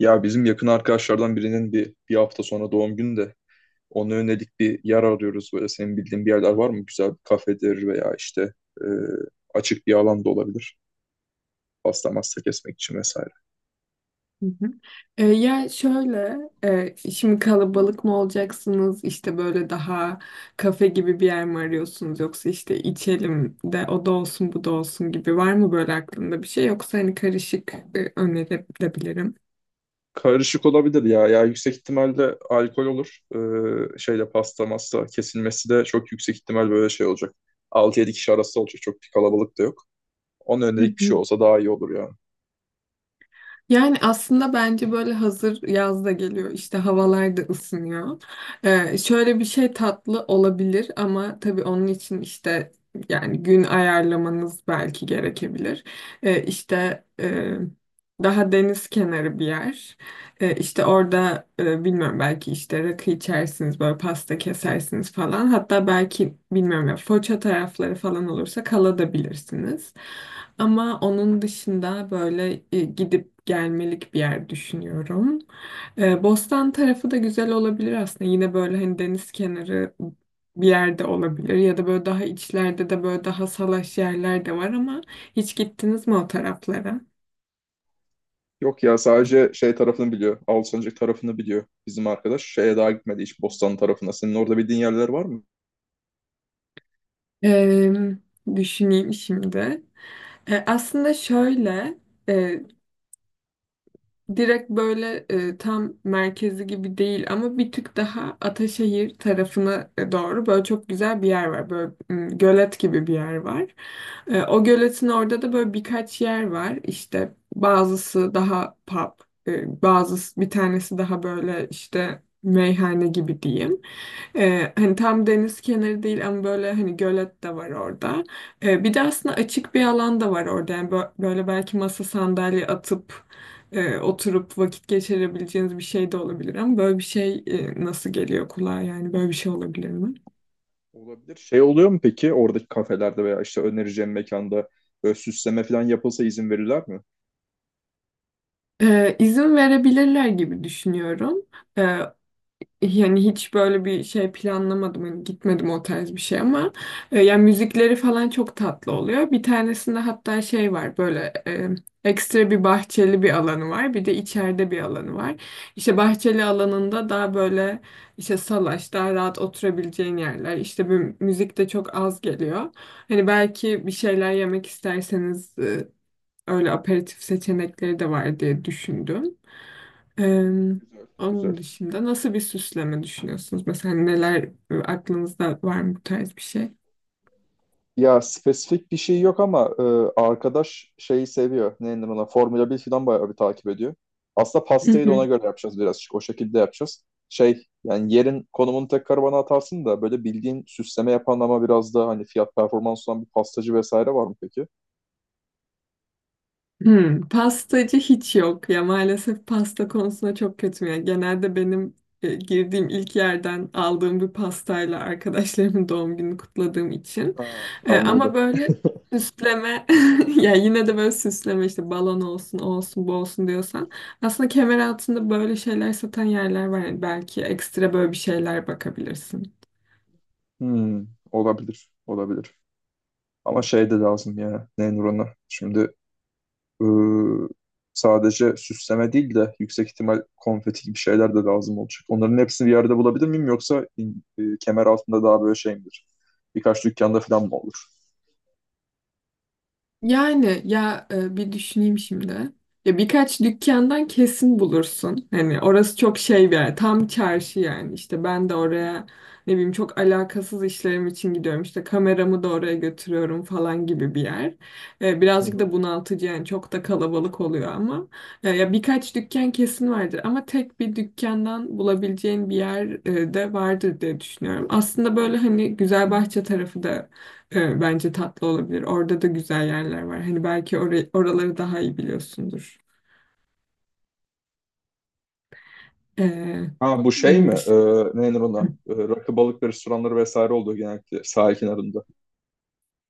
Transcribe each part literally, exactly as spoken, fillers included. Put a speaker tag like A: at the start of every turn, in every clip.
A: Ya bizim yakın arkadaşlardan birinin bir, bir hafta sonra doğum günü de ona yönelik bir yer arıyoruz. Böyle senin bildiğin bir yerler var mı? Güzel bir kafedir veya işte e, açık bir alan da olabilir. Pasta masta kesmek için vesaire.
B: Hı hı. E, ya şöyle, e, şimdi kalabalık mı olacaksınız, işte böyle daha kafe gibi bir yer mi arıyorsunuz yoksa işte içelim de o da olsun bu da olsun gibi var mı böyle aklında bir şey yoksa hani karışık e, önerebilirim.
A: Karışık olabilir ya. Ya yüksek ihtimalle alkol olur. Ee, şeyle pasta masta kesilmesi de çok yüksek ihtimal böyle şey olacak. Altı yedi kişi arası olacak. Çok bir kalabalık da yok. Ona
B: Hı
A: yönelik bir şey
B: hı.
A: olsa daha iyi olur yani.
B: Yani aslında bence böyle hazır yaz da geliyor işte havalar da ısınıyor. Ee, şöyle bir şey tatlı olabilir ama tabii onun için işte yani gün ayarlamanız belki gerekebilir. Ee, işte e, daha deniz kenarı bir yer. E, işte orada e, bilmiyorum belki işte rakı içersiniz böyle pasta kesersiniz falan. Hatta belki bilmiyorum ya Foça tarafları falan olursa kalabilirsiniz. Ama onun dışında böyle e, gidip gelmelik bir yer düşünüyorum. E, Bostan tarafı da güzel olabilir aslında. Yine böyle hani deniz kenarı bir yerde olabilir ya da böyle daha içlerde de böyle daha salaş yerler de var ama hiç gittiniz mi o taraflara?
A: Yok ya sadece şey tarafını biliyor. Alsancak tarafını biliyor bizim arkadaş. Şeye daha gitmedi hiç Bostan tarafına. Senin orada bildiğin yerler var mı?
B: E, düşüneyim şimdi. E, aslında şöyle, e, direkt böyle e, tam merkezi gibi değil ama bir tık daha Ataşehir tarafına e, doğru böyle çok güzel bir yer var. Böyle m, gölet gibi bir yer var. E, o göletin orada da böyle birkaç yer var. İşte bazısı daha pub, e, bazısı bir tanesi daha böyle işte meyhane gibi diyeyim. Ee, hani tam deniz kenarı değil ama böyle hani gölet de var orada. Ee, bir de aslında açık bir alan da var orada. Yani bö- böyle belki masa sandalye atıp e, oturup vakit geçirebileceğiniz bir şey de olabilir ama böyle bir şey e, nasıl geliyor kulağa yani böyle bir şey olabilir mi?
A: Olabilir. Şey oluyor mu peki oradaki kafelerde veya işte önereceğim mekanda böyle süsleme falan yapılsa izin verirler mi?
B: Ee, izin verebilirler gibi düşünüyorum. Yani hiç böyle bir şey planlamadım. Hani gitmedim o tarz bir şey ama e, yani müzikleri falan çok tatlı oluyor. Bir tanesinde hatta şey var böyle e, ekstra bir bahçeli bir alanı var. Bir de içeride bir alanı var. İşte bahçeli alanında daha böyle işte salaş, daha rahat oturabileceğin yerler. İşte bir müzik de çok az geliyor. Hani belki bir şeyler yemek isterseniz e, öyle aperatif seçenekleri de var diye düşündüm.
A: Hmm,
B: Eee,
A: güzel. Güzel.
B: onun dışında nasıl bir süsleme düşünüyorsunuz? Mesela neler e, aklınızda var mı bu tarz bir şey?
A: Ya spesifik bir şey yok ama e, arkadaş şeyi seviyor. Ne denir ona? Formula bir falan bayağı bir takip ediyor. Aslında pastayı da ona göre yapacağız birazcık. O şekilde yapacağız. Şey yani yerin konumunu tekrar bana atarsın da böyle bildiğin süsleme yapan ama biraz daha hani fiyat performans olan bir pastacı vesaire var mı peki?
B: Hmm, pastacı hiç yok ya, maalesef pasta konusunda çok kötüyüm. Yani genelde benim e, girdiğim ilk yerden aldığım bir pastayla arkadaşlarımın doğum gününü kutladığım için.
A: Ha,
B: E,
A: anladım.
B: ama böyle süsleme ya yine de böyle süsleme işte balon olsun o olsun bu olsun diyorsan aslında kemer altında böyle şeyler satan yerler var. Yani belki ekstra böyle bir şeyler bakabilirsin.
A: Hmm, olabilir. Olabilir. Ama şey de lazım ya. Ne denir ona? Şimdi e, sadece süsleme değil de yüksek ihtimal konfeti gibi şeyler de lazım olacak. Onların hepsini bir yerde bulabilir miyim yoksa e, kemer altında daha böyle şey midir? Birkaç dükkanda falan mı olur?
B: Yani ya e, bir düşüneyim şimdi. Ya birkaç dükkandan kesin bulursun. Hani orası çok şey bir yer. Tam çarşı yani. İşte ben de oraya ne bileyim çok alakasız işlerim için gidiyorum. İşte kameramı da oraya götürüyorum falan gibi bir yer. E,
A: Hı
B: birazcık da
A: hı.
B: bunaltıcı yani çok da kalabalık oluyor ama. E, ya birkaç dükkan kesin vardır ama tek bir dükkandan bulabileceğin bir yer e, de vardır diye düşünüyorum. Aslında böyle hani Güzelbahçe tarafı da e, bence tatlı olabilir. Orada da güzel yerler var. Hani belki orayı, oraları daha iyi biliyorsundur. E,
A: Ha bu şey mi?
B: onun
A: Ee,
B: dışında.
A: ne denir ona? Ee, rakı balık restoranları vesaire olduğu genellikle sahil kenarında.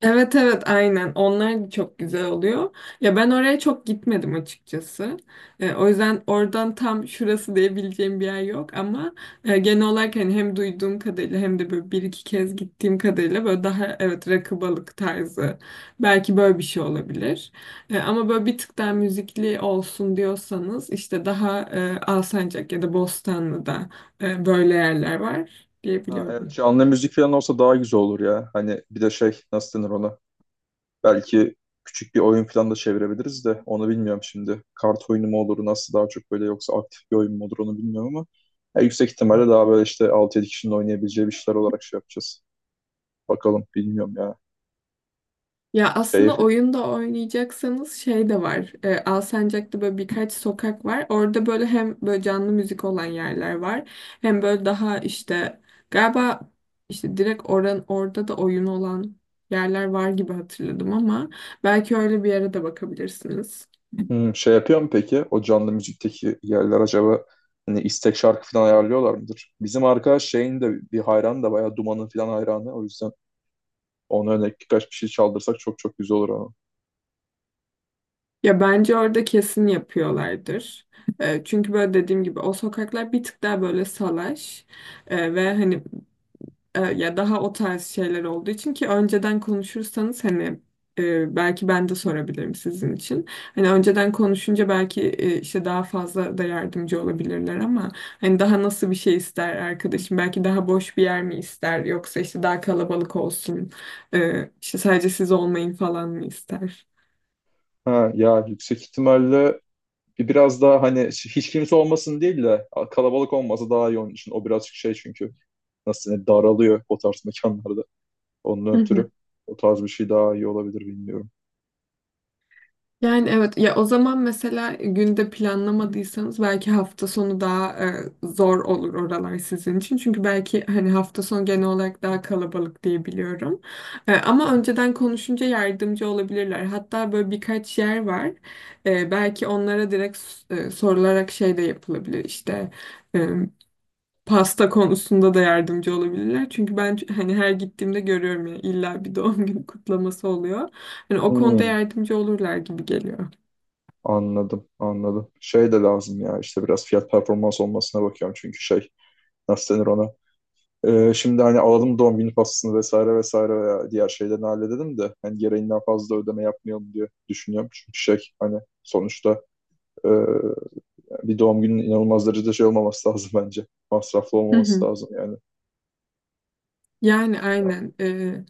B: Evet, evet, aynen, onlar çok güzel oluyor. Ya ben oraya çok gitmedim açıkçası. E, o yüzden oradan tam şurası diyebileceğim bir yer yok ama e, genel olarak hani hem duyduğum kadarıyla hem de böyle bir iki kez gittiğim kadarıyla böyle daha evet rakı balık tarzı belki böyle bir şey olabilir. E, ama böyle bir tık daha müzikli olsun diyorsanız işte daha e, Alsancak ya da Bostanlı'da e, böyle yerler var
A: Ha, evet
B: diyebiliyorum.
A: canlı müzik falan olsa daha güzel olur ya. Hani bir de şey nasıl denir ona? Belki küçük bir oyun falan da çevirebiliriz de onu bilmiyorum şimdi. Kart oyunu mu olur nasıl daha çok böyle yoksa aktif bir oyun mu olur onu bilmiyorum ama ya yüksek ihtimalle daha böyle işte altı yedi kişinin oynayabileceği bir şeyler olarak şey yapacağız. Bakalım bilmiyorum ya.
B: Ya
A: Şey.
B: aslında oyunda oynayacaksanız şey de var. E, Alsancak'ta böyle birkaç sokak var. Orada böyle hem böyle canlı müzik olan yerler var. Hem böyle daha işte galiba işte direkt oran orada da oyun olan yerler var gibi hatırladım ama belki öyle bir yere de bakabilirsiniz.
A: Hmm, şey yapıyor mu peki? O canlı müzikteki yerler acaba hani istek şarkı falan ayarlıyorlar mıdır? Bizim arkadaş şeyin de bir hayranı da bayağı Duman'ın falan hayranı. O yüzden ona örnek birkaç bir şey çaldırsak çok çok güzel olur ama.
B: Ya bence orada kesin yapıyorlardır. E, çünkü böyle dediğim gibi o sokaklar bir tık daha böyle salaş E, ve hani e, ya daha o tarz şeyler olduğu için, ki önceden konuşursanız hani e, belki ben de sorabilirim sizin için. Hani önceden konuşunca belki e, işte daha fazla da yardımcı olabilirler ama hani daha nasıl bir şey ister arkadaşım? Belki daha boş bir yer mi ister yoksa işte daha kalabalık olsun, e, işte sadece siz olmayın falan mı ister?
A: Ha, ya yüksek ihtimalle biraz daha hani hiç kimse olmasın değil de kalabalık olması daha iyi onun için. O birazcık şey çünkü nasıl denir, daralıyor o tarz mekanlarda. Onun
B: Hı
A: ötürü
B: hı.
A: o tarz bir şey daha iyi olabilir bilmiyorum.
B: Yani evet ya, o zaman mesela günde planlamadıysanız belki hafta sonu daha e, zor olur oralar sizin için. Çünkü belki hani hafta sonu genel olarak daha kalabalık diye biliyorum. E, ama önceden konuşunca yardımcı olabilirler. Hatta böyle birkaç yer var. E, belki onlara direkt s- e, sorularak şey de yapılabilir, işte pasta konusunda da yardımcı olabilirler. Çünkü ben ç- hani her gittiğimde görüyorum ya illa bir doğum günü kutlaması oluyor. Hani o konuda
A: Hmm.
B: yardımcı olurlar gibi geliyor.
A: Anladım, anladım. Şey de lazım ya işte biraz fiyat performans olmasına bakıyorum çünkü şey nasıl denir ona. Ee, şimdi hani alalım doğum günü pastasını vesaire vesaire veya diğer şeylerini halledelim de hani gereğinden fazla ödeme yapmayalım diye düşünüyorum. Çünkü şey hani sonuçta e, bir doğum günün inanılmaz derecede şey olmaması lazım bence. Masraflı
B: Hı
A: olmaması
B: hı.
A: lazım yani.
B: Yani
A: Ya,
B: aynen. Ee,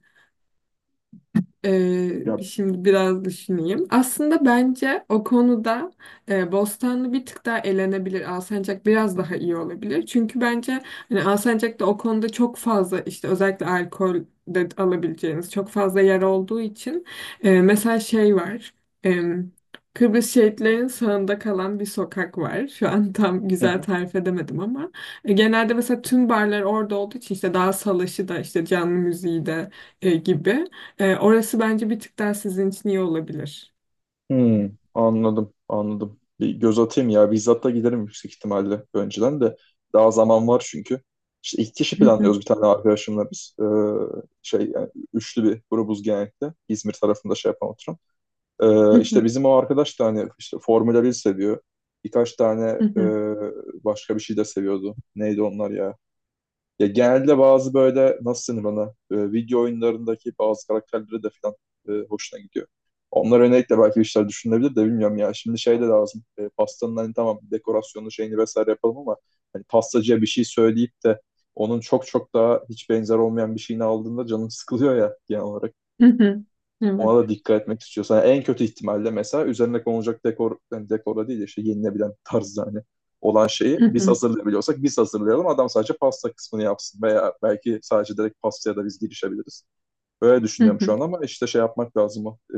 B: Ee, şimdi biraz düşüneyim. Aslında bence o konuda e, Bostanlı bir tık daha elenebilir. Alsancak biraz daha iyi olabilir. Çünkü bence hani Alsancak'ta o konuda çok fazla işte özellikle alkol de alabileceğiniz çok fazla yer olduğu için e, mesela şey var. Em, Kıbrıs şehitlerinin sağında kalan bir sokak var. Şu an tam güzel
A: ya,
B: tarif edemedim ama e, genelde mesela tüm barlar orada olduğu için işte daha salaşı da işte canlı müziği de e, gibi. Ee, orası bence bir tık daha sizin için iyi olabilir.
A: hmm, anladım, anladım. Bir göz atayım ya. Bizzat da giderim yüksek ihtimalle önceden de. Daha zaman var çünkü. İşte iki kişi planlıyoruz bir tane arkadaşımla biz. Ee, şey yani üçlü bir grubuz genellikle. İzmir tarafında şey yapan oturan. Ee, işte bizim o arkadaş da hani işte Formula bir seviyor. Birkaç tane e,
B: Evet.
A: başka bir şey de seviyordu. Neydi onlar ya? Ya genelde bazı böyle nasıl denir bana e, video oyunlarındaki bazı karakterlere de falan e, hoşuna gidiyor. Onlar özellikle belki bir şeyler düşünülebilir de bilmiyorum ya. Şimdi şey de lazım. E, pastanın hani tamam dekorasyonu şeyini vesaire yapalım ama hani pastacıya bir şey söyleyip de onun çok çok daha hiç benzer olmayan bir şeyini aldığında canım sıkılıyor ya genel olarak.
B: Evet.
A: Ona da dikkat etmek istiyorsan en kötü ihtimalle mesela üzerine konulacak dekor yani dekora değil de işte yenilebilen tarzda hani olan şeyi biz hazırlayabiliyorsak biz hazırlayalım. Adam sadece pasta kısmını yapsın veya belki sadece direkt pastaya da biz girişebiliriz. Böyle düşünüyorum şu an ama işte şey yapmak lazım. O. Ee,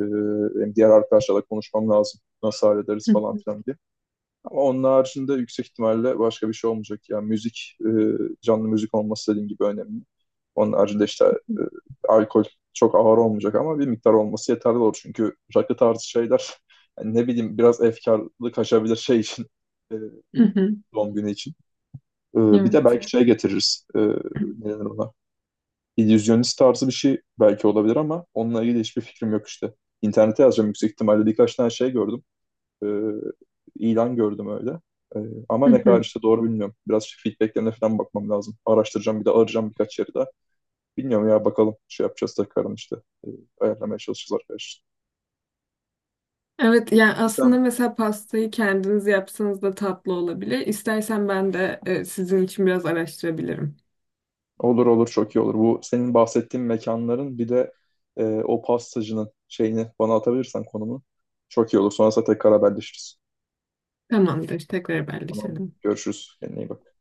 A: benim diğer arkadaşlarla konuşmam lazım. Nasıl hallederiz falan filan diye. Ama onun haricinde yüksek ihtimalle başka bir şey olmayacak. Yani müzik, e, canlı müzik olması dediğin gibi önemli. Onun haricinde işte e, alkol çok ağır olmayacak ama bir miktar olması yeterli olur. Çünkü rakı tarzı şeyler yani ne bileyim biraz efkarlı kaçabilir şey için, e, doğum günü için. E, bir de belki şey getiririz. E, ne denir ona? İllüzyonist tarzı bir şey belki olabilir ama onunla ilgili hiçbir fikrim yok işte. İnternete yazacağım yüksek ihtimalle birkaç tane şey gördüm, e, ilan gördüm öyle. E, ama
B: Hı
A: ne kadar
B: hı.
A: işte doğru bilmiyorum. Biraz feedbacklerine falan bakmam lazım. Araştıracağım bir de arayacağım birkaç yeri daha. Bilmiyorum ya bakalım şey yapacağız tekrardan işte. E, ayarlamaya çalışacağız arkadaşlar.
B: Evet, yani aslında
A: Sen
B: mesela pastayı kendiniz yapsanız da tatlı olabilir. İstersen ben de e, sizin için biraz araştırabilirim.
A: olur olur çok iyi olur. Bu senin bahsettiğin mekanların bir de e, o pastacının şeyini bana atabilirsen konumunu çok iyi olur. Sonrasında tekrar haberleşiriz.
B: Tamamdır, tekrar
A: Tamam.
B: haberleşelim.
A: Görüşürüz. Kendine iyi bak.